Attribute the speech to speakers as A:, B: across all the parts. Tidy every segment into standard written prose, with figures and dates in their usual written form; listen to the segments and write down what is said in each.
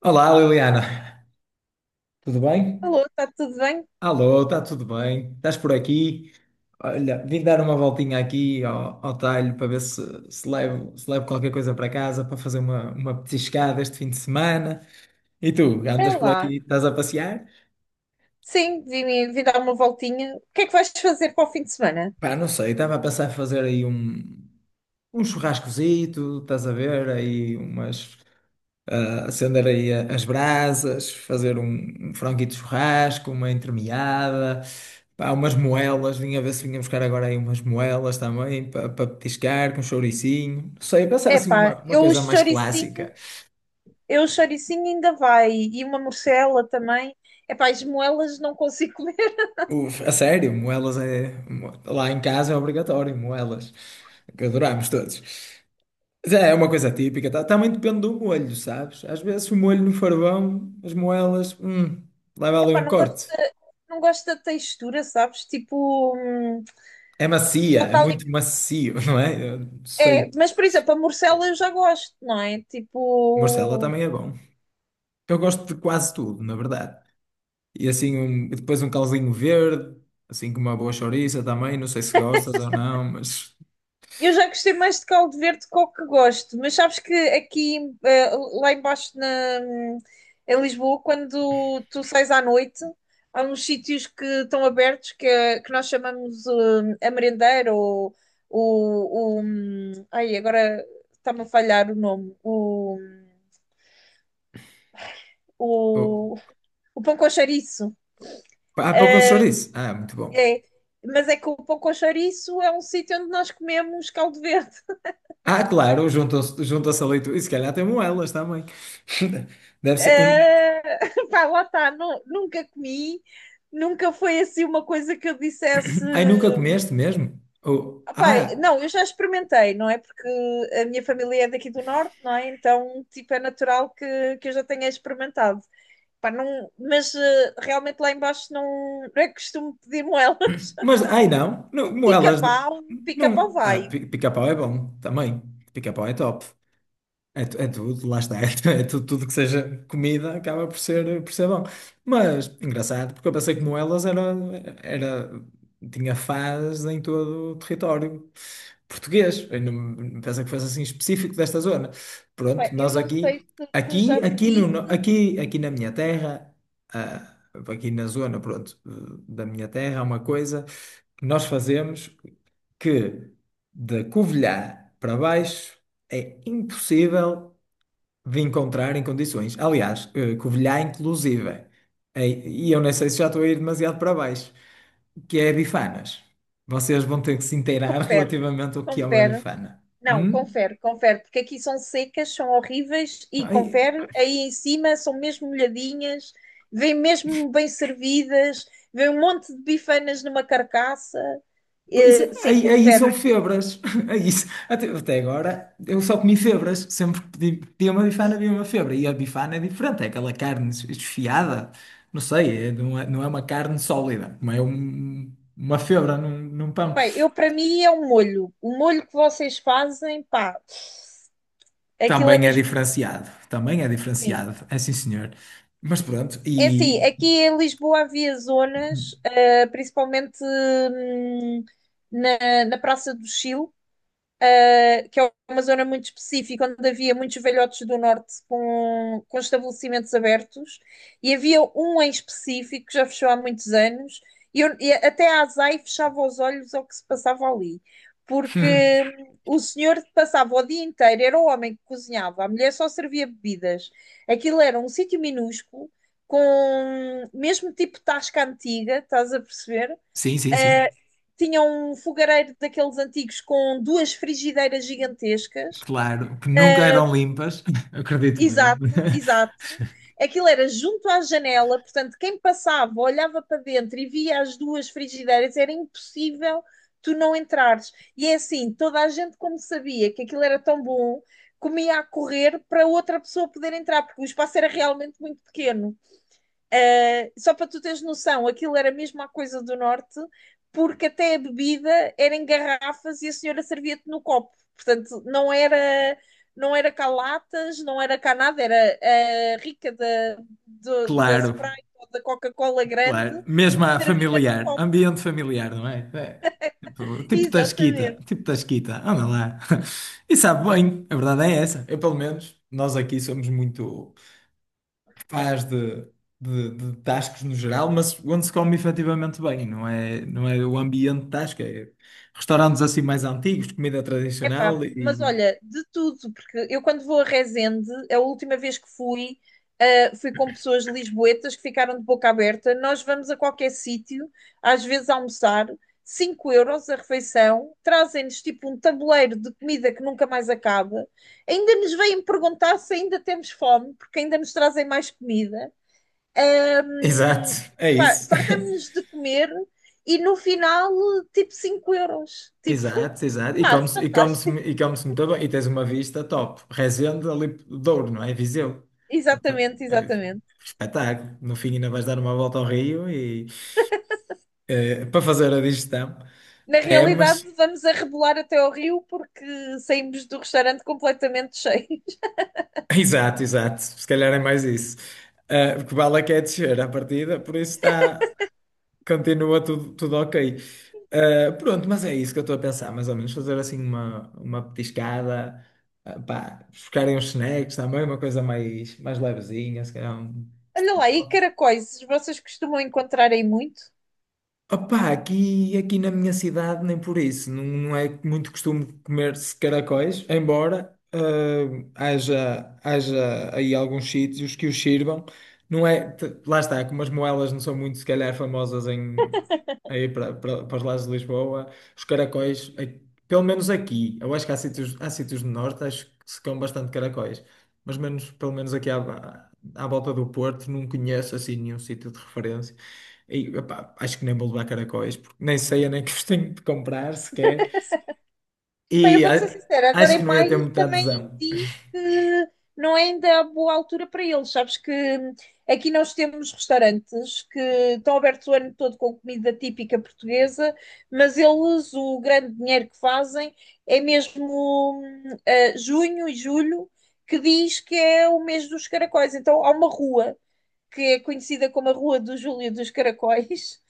A: Olá, Liliana. Tudo bem?
B: Alô, está tudo bem?
A: Alô, está tudo bem? Estás por aqui? Olha, vim dar uma voltinha aqui ao talho para ver se levo qualquer coisa para casa para fazer uma petiscada este fim de semana. E tu, andas
B: É
A: por
B: lá.
A: aqui, estás a passear?
B: Sim, vim dar uma voltinha. O que é que vais fazer para o fim de semana?
A: Pá, não sei, estava a pensar em fazer aí um churrascozito, estás a ver? Aí umas acender aí as brasas, fazer um franguito de churrasco, uma entremeada, pá, umas moelas, vinha ver se vinha buscar agora aí umas moelas também para petiscar com chouricinho. Não sei, pensar assim
B: Epá,
A: uma coisa mais clássica.
B: eu o choricinho ainda vai. E uma morcela também. Epá, as moelas não consigo comer.
A: Uf, a sério, moelas é. Lá em casa é obrigatório, moelas, que adorámos todos. Mas é uma coisa típica, tá? Também depende do molho, sabes? Às vezes o molho no farvão, as moelas, leva ali
B: Epá,
A: um corte.
B: não gosto da textura, sabes? Tipo,
A: É macia,
B: não
A: é
B: está ali-
A: muito macio, não é? Eu
B: É,
A: sei.
B: mas por exemplo, a morcela eu já gosto, não é?
A: Morcela
B: Tipo,
A: também é bom. Eu gosto de quase tudo, na verdade. E assim, e depois um calzinho verde, assim com uma boa chouriça também. Não sei se gostas ou não, mas.
B: eu já gostei mais de caldo verde que o que gosto, mas sabes que aqui, lá embaixo em Lisboa, quando tu sais à noite, há uns sítios que estão abertos que nós chamamos a merendeira ou o. o ai, agora está-me a falhar o nome.
A: Oh.
B: O, o pão com chouriço.
A: Ah, pão com chouriço. Ah, muito bom.
B: É, mas é que o pão com chouriço é um sítio onde nós comemos caldo verde.
A: Ah, claro, juntam-se a leitura. E se calhar tem moelas também. Deve
B: Uh,
A: ser. Um...
B: pá, lá está, nunca comi, nunca foi assim uma coisa que eu dissesse.
A: Ai, nunca comeste mesmo? Oh.
B: Ah, pá,
A: Ah,
B: não, eu já experimentei, não é? Porque a minha família é daqui do norte, não é? Então, tipo, é natural que eu já tenha experimentado. Pá, não, mas realmente lá embaixo não, não é que costumo pedir moelas.
A: mas. Ai, não. Moelas. Não.
B: Pica-pau, pica-pau
A: Ah,
B: vai.
A: pica-pau é bom também. Pica-pau é top. É, é tudo, lá está, é, é tudo, tudo que seja comida acaba por ser bom. Mas engraçado, porque eu pensei que moelas era, era, tinha fás em todo o território português. Eu não, pensei que fosse assim específico desta zona.
B: Epá,
A: Pronto,
B: eu
A: nós
B: não sei
A: aqui,
B: se
A: aqui,
B: já te
A: aqui, no,
B: disse,
A: no- aqui, aqui na minha terra, ah, aqui na zona, pronto, da minha terra, é uma coisa que nós fazemos que de Covilhã para baixo. É impossível de encontrar em condições. Aliás, Covilhã, inclusive, e eu nem sei se já estou a ir demasiado para baixo, que é bifanas. Vocês vão ter que se inteirar
B: confere,
A: relativamente ao que é uma
B: confere,
A: bifana.
B: não,
A: Hum?
B: confere, confere, porque aqui são secas, são horríveis e
A: Ai,
B: confere, aí em cima são mesmo molhadinhas, vêm mesmo bem servidas, vem um monte de bifanas numa carcaça.
A: pois,
B: Sim,
A: aí são
B: confere.
A: febras. Aí, até, até agora eu só comi febras. Sempre que pedi, pedia uma bifana, havia uma febra. E a bifana é diferente, é aquela carne esfiada. Não sei, não é, não é uma carne sólida, não é uma febra num, num pão.
B: Bem, eu para mim é um molho. O molho que vocês fazem, pá, aquilo é mesmo
A: Também é
B: assim.
A: diferenciado, é sim senhor. Mas pronto,
B: É assim,
A: e
B: aqui em Lisboa havia zonas, principalmente na Praça do Chile, que é uma zona muito específica, onde havia muitos velhotes do norte com estabelecimentos abertos, e havia um em específico que já fechou há muitos anos, e até a Azai fechava os olhos ao que se passava ali, porque o senhor passava o dia inteiro, era o homem que cozinhava, a mulher só servia bebidas. Aquilo era um sítio minúsculo, com mesmo tipo tasca antiga, estás a perceber?
A: sim, sim, sim,
B: Tinha um fogareiro daqueles antigos com duas frigideiras gigantescas.
A: claro, que nunca eram limpas, acredito eu.
B: Exato, exato. Aquilo era junto à janela, portanto, quem passava, olhava para dentro e via as duas frigideiras, era impossível tu não entrares. E é assim, toda a gente, como sabia que aquilo era tão bom, comia a correr para outra pessoa poder entrar, porque o espaço era realmente muito pequeno. Só para tu teres noção, aquilo era mesmo a coisa do norte, porque até a bebida era em garrafas e a senhora servia-te no copo. Portanto, não era cá latas, não era cá nada, era rica da
A: Claro,
B: Sprite ou da Coca-Cola grande
A: claro, mesmo a
B: servida num
A: familiar,
B: copo.
A: ambiente familiar, não é? É, tipo,
B: Exatamente.
A: tipo Tasquita, anda lá. E sabe bem, a verdade é essa, eu pelo menos, nós aqui somos muito. faz de tascos no geral, mas onde se come efetivamente bem, não é, não é o ambiente de tasca, é restaurantes assim mais antigos, comida
B: Epá,
A: tradicional
B: mas
A: e.
B: olha, de tudo, porque eu quando vou a Resende, a última vez que fui, fui com pessoas lisboetas que ficaram de boca aberta. Nós vamos a qualquer sítio, às vezes almoçar, 5 € a refeição, trazem-nos tipo um tabuleiro de comida que nunca mais acaba. Ainda nos vêm perguntar se ainda temos fome, porque ainda nos trazem mais comida. Ahm,
A: Exato, é
B: Pá,
A: isso.
B: fartamos-nos de comer e no final, tipo 5 euros. Tipo,
A: Exato, exato. E
B: pá,
A: come-se e come-se
B: fantástico.
A: e come-se muito bem. E tens uma vista top. Resende ali do Douro, não é? Viseu. Até-
B: Exatamente,
A: É
B: exatamente.
A: espetáculo. No fim ainda vais dar uma volta ao rio e para fazer a digestão.
B: Na
A: É,
B: realidade,
A: mas
B: vamos a rebolar até ao rio porque saímos do restaurante completamente cheios.
A: exato, exato. Se calhar é mais isso. Ah, porque o Bala quer descer à partida, por isso está, continua tudo, tudo ok. Ah, pronto, mas é isso que eu estou a pensar, mais ou menos. Fazer assim uma petiscada, pá, buscarem uns snacks também, uma coisa mais, mais levezinha, se calhar um.
B: Olha lá, e caracóis, vocês costumam encontrar aí muito?
A: Opá, aqui na minha cidade nem por isso, não, não é muito costume comer-se caracóis, embora haja aí alguns sítios que os sirvam, não é, lá está, como as moelas não são muito, se calhar, famosas em, aí para os lados de Lisboa, os caracóis, pelo menos aqui, eu acho que há sítios no norte, acho que se comem bastante caracóis, mas menos, pelo menos aqui à, à volta do Porto, não conheço assim nenhum sítio de referência. E, epá, acho que nem vou levar caracóis, porque nem sei nem que os tenho de comprar sequer.
B: Pá, eu
A: E
B: vou-te ser sincera, agora
A: acho que
B: em
A: não ia ter
B: maio
A: muita
B: também
A: adesão.
B: diz que não é ainda a boa altura para eles. Sabes que aqui nós temos restaurantes que estão abertos o ano todo com comida típica portuguesa, mas eles, o grande dinheiro que fazem é mesmo junho e julho, que diz que é o mês dos caracóis. Então há uma rua que é conhecida como a Rua do Júlio dos Caracóis.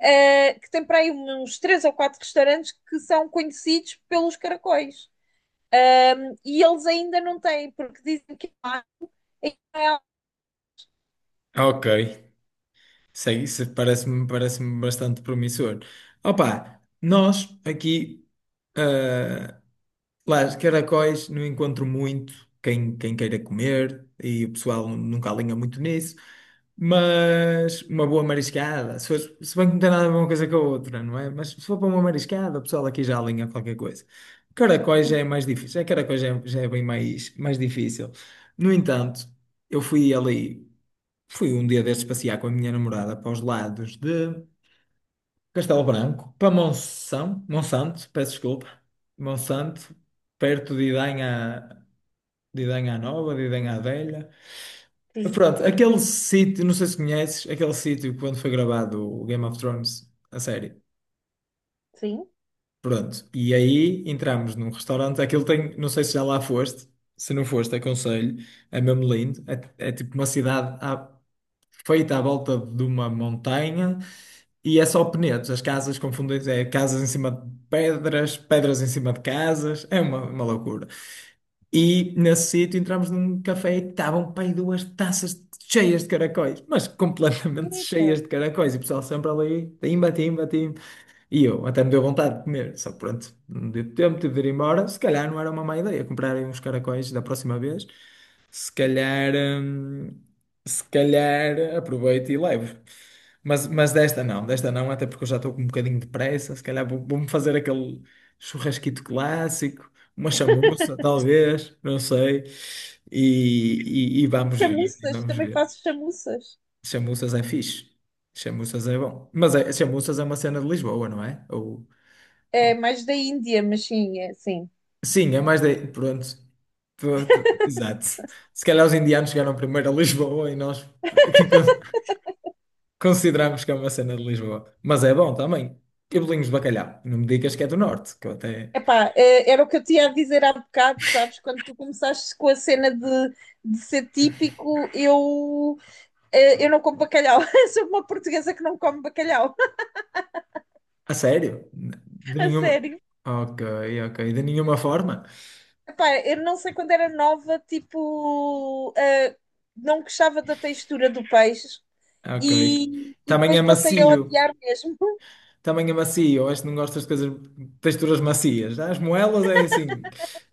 B: Eh, que tem para aí uns três ou quatro restaurantes que são conhecidos pelos caracóis. E eles ainda não têm, porque dizem que lá em.
A: Ok, sei, isso parece-me bastante promissor. Opa, nós aqui lá, os caracóis não encontro muito quem queira comer e o pessoal nunca alinha muito nisso, mas uma boa mariscada, se, se bem que não tem nada a ver uma coisa com a outra, não é? Mas se for para uma mariscada, o pessoal aqui já alinha qualquer coisa. Caracóis já é mais difícil, é caracóis já é bem mais, mais difícil. No entanto, eu fui ali, fui um dia destes passear com a minha namorada para os lados Castelo Branco, para Monsanto, Monsanto, peço desculpa, Monsanto, perto de Idanha Nova, de Idanha Velha. Pronto, aquele sítio, não sei se conheces, aquele sítio quando foi gravado o Game of Thrones, a série.
B: Sim.
A: Pronto, e aí entramos num restaurante, aquilo tem, não sei se já lá foste, se não foste, aconselho, é mesmo lindo, é, é tipo uma cidade feita à volta de uma montanha. E é só penedos, as casas confundem é casas em cima de pedras, pedras em cima de casas, é uma loucura. E nesse sítio entramos num café e estavam pai duas taças cheias de caracóis, mas completamente
B: Epa.
A: cheias de caracóis, e o pessoal sempre ali, timba, timba, timba. E eu até me deu vontade de comer, só que pronto, não deu tempo, tive de ir embora, se calhar não era uma má ideia comprarem uns caracóis da próxima vez. Se calhar, se calhar aproveito e levo. Mas desta não, até porque eu já estou com um bocadinho de pressa. Se calhar vou-me fazer aquele churrasquito clássico, uma chamuça, talvez, não sei. E vamos ver, e
B: Chamuças,
A: vamos
B: também
A: ver.
B: faço chamuças.
A: Chamuças é fixe, chamuças é bom. Mas é, chamuças é uma cena de Lisboa, não é?
B: É
A: Ou-
B: mais da Índia, mas sim, é, sim.
A: Sim, é mais de. Pronto. Exato. Se calhar os indianos chegaram primeiro a Lisboa e nós aqui. Consideramos que é uma cena de Lisboa. Mas é bom também. E bolinhos de bacalhau. Não me digas que é do norte, que eu até.
B: Epá, era o que eu tinha a dizer há bocado, sabes? Quando tu começaste com a cena de ser típico, eu não como bacalhau. Sou uma portuguesa que não come bacalhau,
A: A sério? De
B: a
A: nenhuma.
B: sério.
A: Ok, ok. De nenhuma forma?
B: Epá, eu não sei quando era nova, tipo, não gostava da textura do peixe.
A: Ok.
B: E
A: Também é
B: depois passei a
A: macio.
B: odiar mesmo.
A: Também é macio. Acho que não gostas de coisas. Texturas macias. As moelas é assim.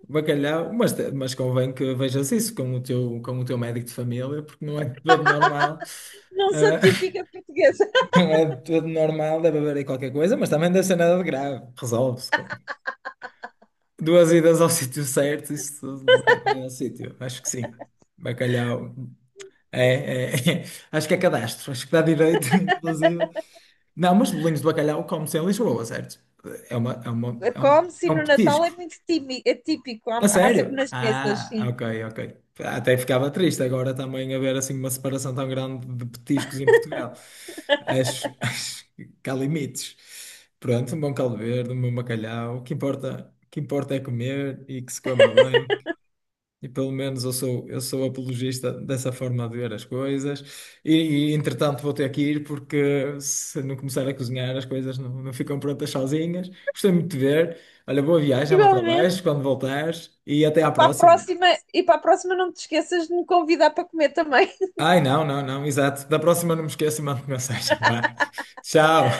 A: Bacalhau. Mas convém que vejas isso com o teu médico de família, porque não é tudo normal.
B: Não sou
A: Ah,
B: típica portuguesa.
A: não é tudo normal, deve haver aí qualquer coisa, mas também deve ser nada de grave. Resolve-se. Duas idas ao sítio certo, isso tudo vai, vai ao sítio. Acho que sim. Bacalhau. É, é, acho que é cadastro. Acho que dá direito, inclusive. Não, mas bolinhos de bacalhau come-se em Lisboa, certo? É uma, é uma, é um,
B: Come-se
A: é um
B: no Natal
A: petisco.
B: é muito é típico, há,
A: A
B: há sempre
A: sério?
B: nas mesas,
A: Ah,
B: sim.
A: ok, ok. Até ficava triste agora também haver assim uma separação tão grande de petiscos em Portugal. Acho, acho que há limites. Pronto, um bom caldo verde, um bom bacalhau. O que importa é comer e que se coma bem. E pelo menos eu sou apologista dessa forma de ver as coisas. Entretanto vou ter que ir porque se não começar a cozinhar as coisas não, não ficam prontas sozinhas. Gostei muito de ver. Olha, boa viagem lá para
B: Igualmente.
A: baixo quando voltares e até à
B: Para a
A: próxima.
B: próxima, para a próxima não te esqueças de me convidar para comer também.
A: Ai, não, não, não, exato. Da próxima não me esqueço e mando mensagem. Vá. Tchau.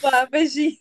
B: Vá, beijinho.